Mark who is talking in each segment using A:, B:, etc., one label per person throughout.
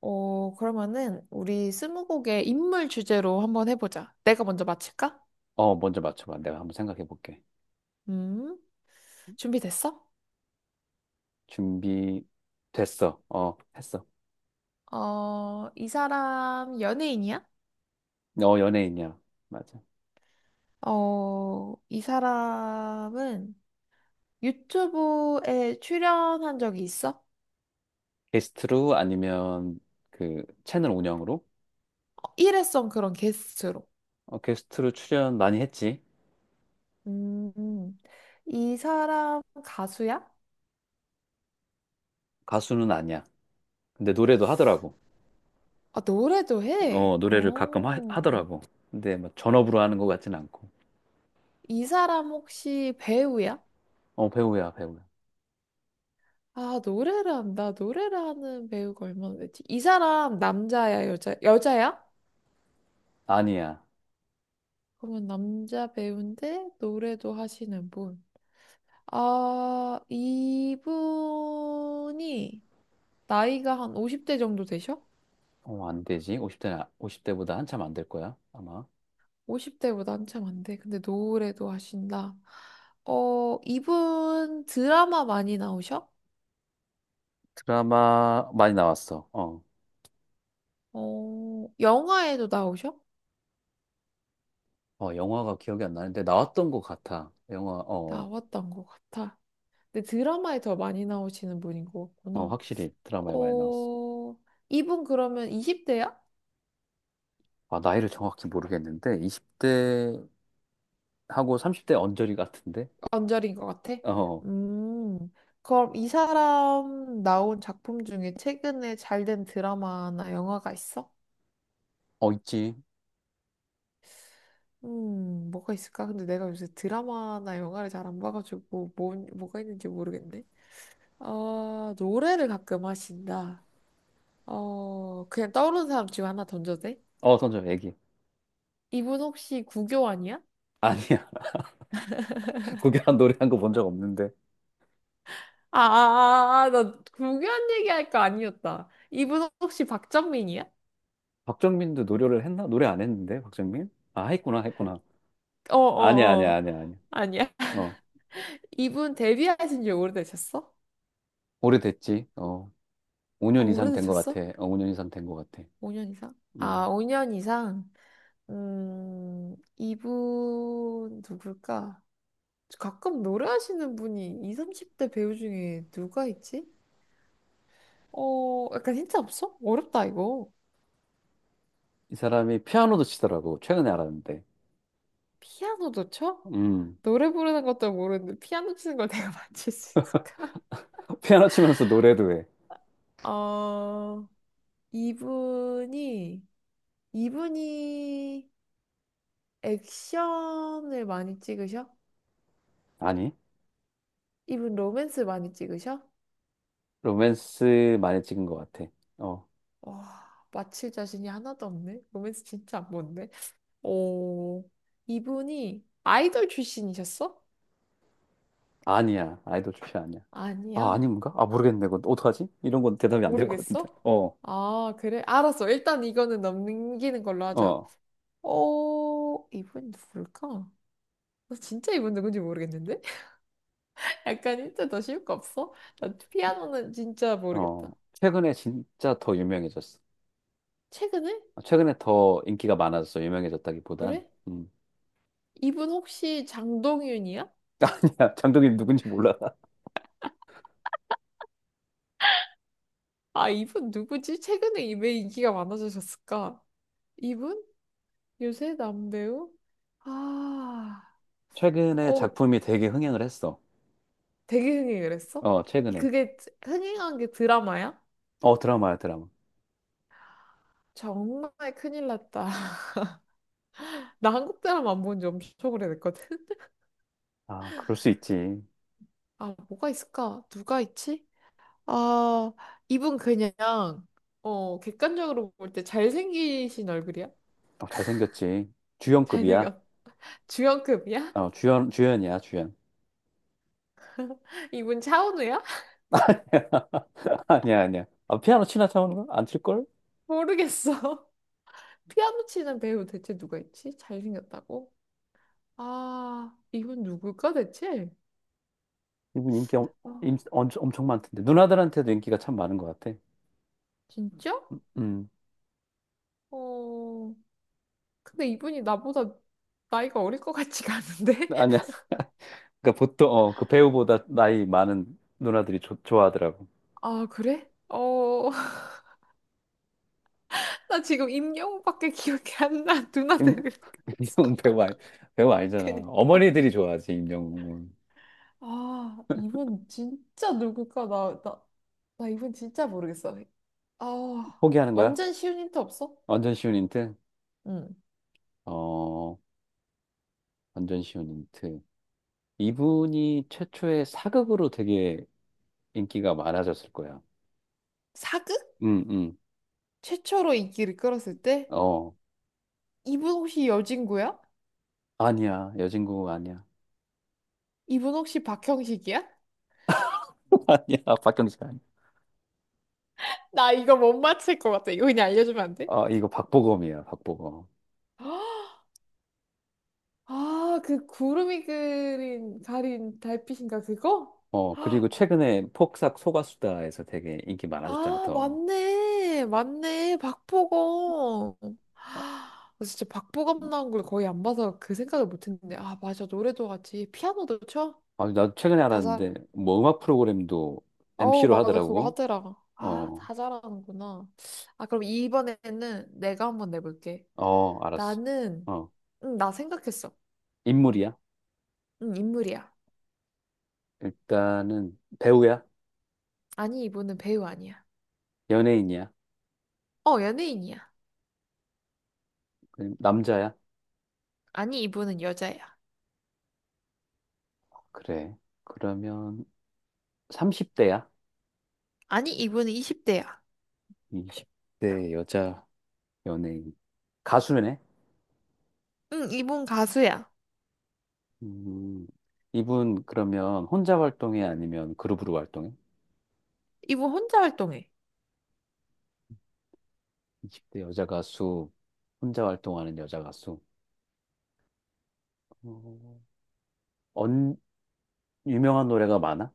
A: 어, 그러면은 우리 스무고개 인물 주제로 한번 해보자. 내가 먼저 맞힐까?
B: 어, 먼저 맞춰봐. 내가 한번 생각해 볼게.
A: 음, 준비됐어?
B: 준비 됐어. 어, 했어.
A: 어, 이 사람 연예인이야?
B: 어, 연예인이야. 맞아.
A: 어, 이 사람은 유튜브에 출연한 적이 있어?
B: 게스트로 아니면 그 채널 운영으로?
A: 어, 일회성 그런 게스트로.
B: 어, 게스트로 출연 많이 했지.
A: 음, 이 사람 가수야?
B: 가수는 아니야. 근데 노래도 하더라고.
A: 아, 노래도
B: 어,
A: 해.
B: 노래를 가끔 하,
A: 어,
B: 하더라고. 근데 뭐 전업으로 하는 것 같진 않고.
A: 이 사람 혹시 배우야?
B: 어, 배우야, 배우야.
A: 아, 노래를 한다. 노래를 하는 배우가 얼마나 되지? 이 사람 남자야, 여자야?
B: 아니야.
A: 그러면 남자 배우인데 노래도 하시는 분. 아, 이분이 나이가 한 50대 정도 되셔?
B: 어, 안 되지. 50대, 오십 대보다 한참 안될 거야, 아마.
A: 50대보다 한참 안 돼. 근데 노래도 하신다. 어, 이분 드라마 많이 나오셔?
B: 드라마 많이 나왔어. 어.
A: 어, 영화에도 나오셔?
B: 어, 영화가 기억이 안 나는데 나왔던 것 같아. 영화, 어. 어.
A: 나왔던 것 같아. 근데 드라마에 더 많이 나오시는 분인 것
B: 어,
A: 같구나.
B: 확실히 드라마에 많이 나왔어.
A: 어, 이분 그러면 20대야?
B: 아, 나이를 정확히 모르겠는데, 20대하고 30대 언저리 같은데?
A: 언저리인 것 같아.
B: 어,
A: 음, 그럼 이 사람 나온 작품 중에 최근에 잘 된 드라마나 영화가 있어?
B: 어, 있지.
A: 뭐가 있을까? 근데 내가 요새 드라마나 영화를 잘 안 봐가지고 뭐, 뭐가 있는지 모르겠네. 어, 노래를 가끔 하신다. 어, 그냥 떠오르는 사람 지금 하나 던져도 돼?
B: 어, 선정, 애기.
A: 이분 혹시 구교환이야?
B: 아니야. 구결한 노래 한 거 본 적 없는데.
A: 아, 나 구교환 얘기할 거 아니었다. 이분 혹시 박정민이야?
B: 박정민도 노래를 했나? 노래 안 했는데, 박정민? 아, 했구나, 했구나.
A: 어,
B: 아니야,
A: 어,
B: 아니야,
A: 어.
B: 아니야, 아니야.
A: 아니야.
B: 어,
A: 이분 데뷔하신 지 오래되셨어?
B: 오래됐지. 어,
A: 아,
B: 5년 이상 된 것
A: 오래되셨어?
B: 같아. 어, 5년 이상 된 것 같아.
A: 5년 이상? 아,
B: 음.
A: 5년 이상? 이분 누굴까? 가끔 노래하시는 분이 20, 30대 배우 중에 누가 있지? 어, 약간 힌트 없어? 어렵다, 이거.
B: 이 사람이 피아노도 치더라고. 최근에 알았는데.
A: 피아노도 쳐?
B: 음.
A: 노래 부르는 것도 모르는데 피아노 치는 걸 내가 맞출 수 있을까?
B: 피아노 치면서 노래도 해.
A: 어, 이분이, 이분이 액션을 많이 찍으셔?
B: 아니,
A: 이분 로맨스 많이 찍으셔?
B: 로맨스 많이 찍은 것 같아. 어.
A: 와, 맞힐 자신이 하나도 없네. 로맨스 진짜 안 본데. 오, 이분이 아이돌 출신이셨어?
B: 아니야. 아이돌 출신 아니야. 아,
A: 아니야.
B: 아닌가? 아, 모르겠네. 그건 어떡하지? 이런 건 대답이 안 될 것 같은데.
A: 모르겠어?
B: 어,
A: 아, 그래? 알았어. 일단 이거는 넘기는 걸로 하자.
B: 어,
A: 어, 이분 누굴까? 나 진짜 이분 누군지 모르겠는데? 약간 힌트 더 쉬울 거 없어? 나 피아노는 진짜
B: 어.
A: 모르겠다.
B: 최근에 진짜 더 유명해졌어.
A: 최근에?
B: 아, 최근에 더 인기가 많아졌어. 유명해졌다기보단.
A: 그래?
B: 음.
A: 이분 혹시 장동윤이야?
B: 아니야. 장동민 누군지 몰라.
A: 아, 이분 누구지? 최근에 왜 인기가 많아지셨을까? 이분? 요새 남배우? 아,
B: 최근에
A: 어,
B: 작품이 되게 흥행을 했어.
A: 되게 흥행 그랬어?
B: 어, 최근에.
A: 그게 흥행한 게 드라마야?
B: 어, 드라마야, 드라마.
A: 정말 큰일 났다. 나 한국 드라마 안 본 지 엄청 오래됐거든.
B: 아, 그럴 수 있지.
A: 아, 뭐가 있을까? 누가 있지? 아, 이분 그냥, 어, 객관적으로 볼 때 잘생기신 얼굴이야?
B: 어, 잘생겼지. 주연급이야.
A: 잘생겼. 주연급이야?
B: 어, 주연이야, 주연.
A: 이분 차은우야?
B: 아니야, 아니야. 아, 피아노 치나 차오는 거? 안 칠걸?
A: 모르겠어. 피아노 치는 배우 대체 누가 있지? 잘생겼다고? 아, 이분 누굴까 대체?
B: 이분 인기
A: 아,
B: 엄청 많던데 누나들한테도 인기가 참 많은 것 같아.
A: 진짜?
B: 음
A: 어, 근데 이분이 나보다 나이가 어릴 것 같지가 않은데?
B: 아니야. 그러니까 보통 어, 그 배우보다 나이 많은 누나들이 좋아하더라고.
A: 아, 그래? 어, 나 지금 임영웅밖에 기억이 안 나. 누나
B: 임-
A: 되는 거였어.
B: 임영웅 배우 아니, 배우 아니잖아.
A: 그니까.
B: 어머니들이 좋아하지 임영웅은.
A: 아, 이분 진짜 누굴까? 나 이분 진짜 모르겠어. 아,
B: 포기하는 거야?
A: 완전 쉬운 힌트 없어?
B: 완전 쉬운 힌트?
A: 응.
B: 어 완전 쉬운 힌트. 이분이 최초의 사극으로 되게 인기가 많아졌을 거야.
A: 사극?
B: 응, 응.
A: 최초로 인기를 끌었을 때?
B: 어,
A: 이분 혹시 여진구야?
B: 아니야. 여진구 아니야.
A: 이분 혹시 박형식이야?
B: 아니야. 박경식 아니야.
A: 나 이거 못 맞힐 것 같아. 이거 그냥 알려주면 안 돼?
B: 어, 이거 박보검이야, 박보검.
A: 아, 그 구름이 그린 가린 달빛인가 그거?
B: 어, 그리고 최근에 폭삭 소가수다에서 되게 인기 많아졌잖아,
A: 아,
B: 더.
A: 맞네. 맞네. 박보검.
B: 아,
A: 아, 나 진짜 박보검
B: 음,
A: 나온 걸 거의 안 봐서 그 생각을 못 했는데. 아, 맞아. 노래도 같이 피아노도 쳐?
B: 아, 나도 최근에
A: 다 잘.
B: 알았는데, 뭐 음악 프로그램도
A: 어우,
B: MC로
A: 맞아. 그거
B: 하더라고.
A: 하더라. 아,
B: 어,
A: 다 잘하는구나. 아, 그럼 이번에는 내가 한번 내볼게.
B: 어, 알았어.
A: 나는,
B: 어,
A: 응, 나 생각했어.
B: 인물이야?
A: 응, 인물이야.
B: 일단은 배우야?
A: 아니, 이분은 배우 아니야.
B: 연예인이야?
A: 어, 연예인이야.
B: 그럼 남자야?
A: 아니, 이분은 여자야.
B: 그래. 그러면 30대야?
A: 아니, 이분은 20대야.
B: 20대 여자 연예인. 가수네?
A: 응, 이분 가수야.
B: 음, 이분 그러면 혼자 활동해? 아니면 그룹으로 활동해?
A: 이분 혼자 활동해.
B: 20대 여자 가수, 혼자 활동하는 여자 가수. 어, 언, 유명한 노래가 많아?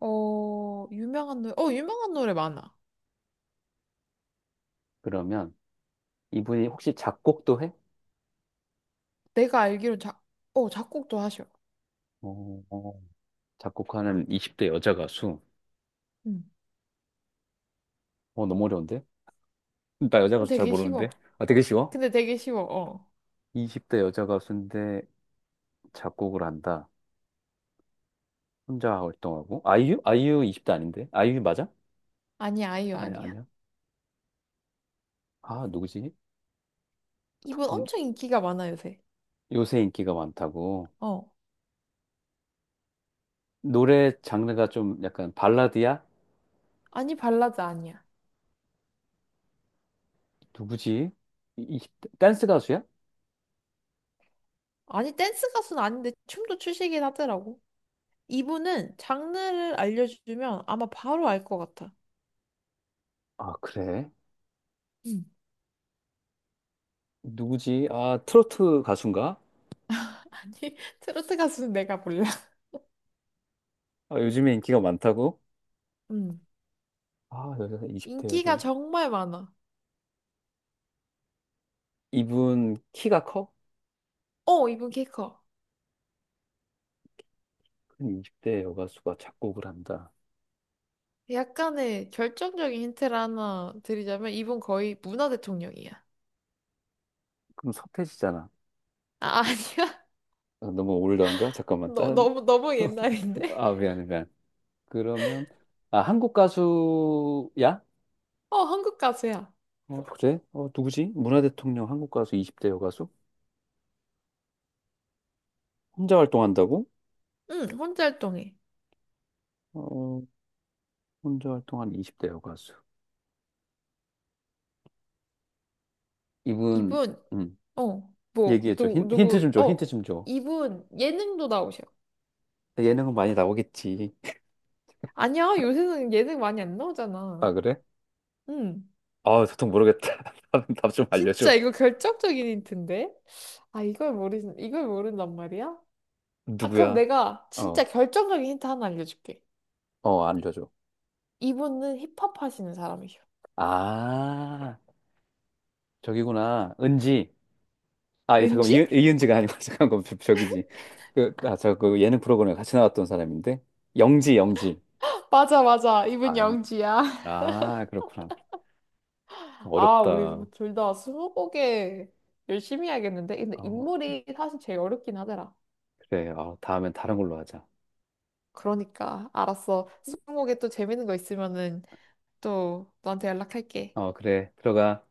A: 어, 유명한 노래 많아.
B: 그러면 이분이 혹시 작곡도 해?
A: 내가 알기로 작곡도 하셔.
B: 어, 어, 작곡하는 20대 여자 가수.
A: 응.
B: 어, 너무 어려운데? 나 여자 가수
A: 근데
B: 잘
A: 되게
B: 모르는데?
A: 쉬워.
B: 아, 되게 쉬워?
A: 근데 되게 쉬워, 어.
B: 20대 여자 가수인데 작곡을 한다. 혼자 활동하고. 아이유? 아이유 20대 아닌데? 아이유 맞아?
A: 아니, 아이유
B: 아니,
A: 아니야.
B: 아니야. 아, 누구지?
A: 이분
B: 보통
A: 엄청 인기가 많아, 요새.
B: 요새 인기가 많다고.
A: 어.
B: 노래 장르가 좀 약간 발라드야?
A: 아니, 발라드 아니야.
B: 누구지? 이, 이- 댄스 가수야?
A: 아니, 댄스 가수는 아닌데 춤도 추시긴 하더라고. 이분은 장르를 알려주면 아마 바로 알 것 같아.
B: 아, 그래.
A: 음.
B: 누구지? 아, 트로트 가수인가?
A: 아니, 트로트 가수는 내가 몰라.
B: 아, 요즘에 인기가 많다고?
A: 음.
B: 아, 여자 20대
A: 인기가
B: 여자.
A: 정말 많아.
B: 이분 키가 커?
A: 어, 이분 키 커.
B: 큰 20대 여가수가 작곡을 한다.
A: 약간의 결정적인 힌트를 하나 드리자면 이분 거의 문화 대통령이야.
B: 그럼 서태지잖아.
A: 아, 아니야?
B: 아, 너무 올드한가? 잠깐만. 다른
A: 너무, 너무 옛날인데?
B: 아, 미안해, 미안. 그러면, 아, 한국 가수야?
A: 어, 한국 가수야.
B: 어, 그래? 어, 누구지? 문화대통령 한국 가수 20대 여가수? 혼자 활동한다고?
A: 응, 혼자 활동해.
B: 어, 혼자 활동한 20대 여가수. 이분,
A: 이분,
B: 음.
A: 어, 뭐,
B: 얘기해줘.
A: 누,
B: 힌트
A: 누구,
B: 좀 줘, 힌트
A: 어,
B: 좀 줘.
A: 이분 예능도 나오셔.
B: 예능은 많이 나오겠지.
A: 아니야, 요새는 예능 많이 안 나오잖아.
B: 아, 그래?
A: 응.
B: 아, 도통 모르겠다. 답 좀
A: 진짜
B: 알려줘.
A: 이거 결정적인 힌트인데? 아, 이걸 모른단 말이야? 아, 그럼
B: 누구야?
A: 내가 진짜
B: 어,
A: 결정적인 힌트 하나 알려줄게.
B: 어, 알려줘.
A: 이분은 힙합 하시는 사람이셔.
B: 아, 저기구나. 은지. 아, 잠깐만,
A: 은지?
B: 이은지가 아니고, 잠깐만, 저기지. 그, 아, 저, 그 예능 프로그램에 같이 나왔던 사람인데? 영지, 영지.
A: 맞아, 맞아. 이분
B: 아,
A: 영지야.
B: 아, 그렇구나.
A: 아, 우리
B: 어렵다.
A: 둘 다 스무고개 열심히 해야겠는데? 근데
B: 어,
A: 인물이 사실 제일 어렵긴 하더라.
B: 그래. 어, 다음엔 다른 걸로 하자.
A: 그러니까, 알았어. 스무고개 또 재밌는 거 있으면은 또 너한테 연락할게.
B: 어, 그래. 들어가.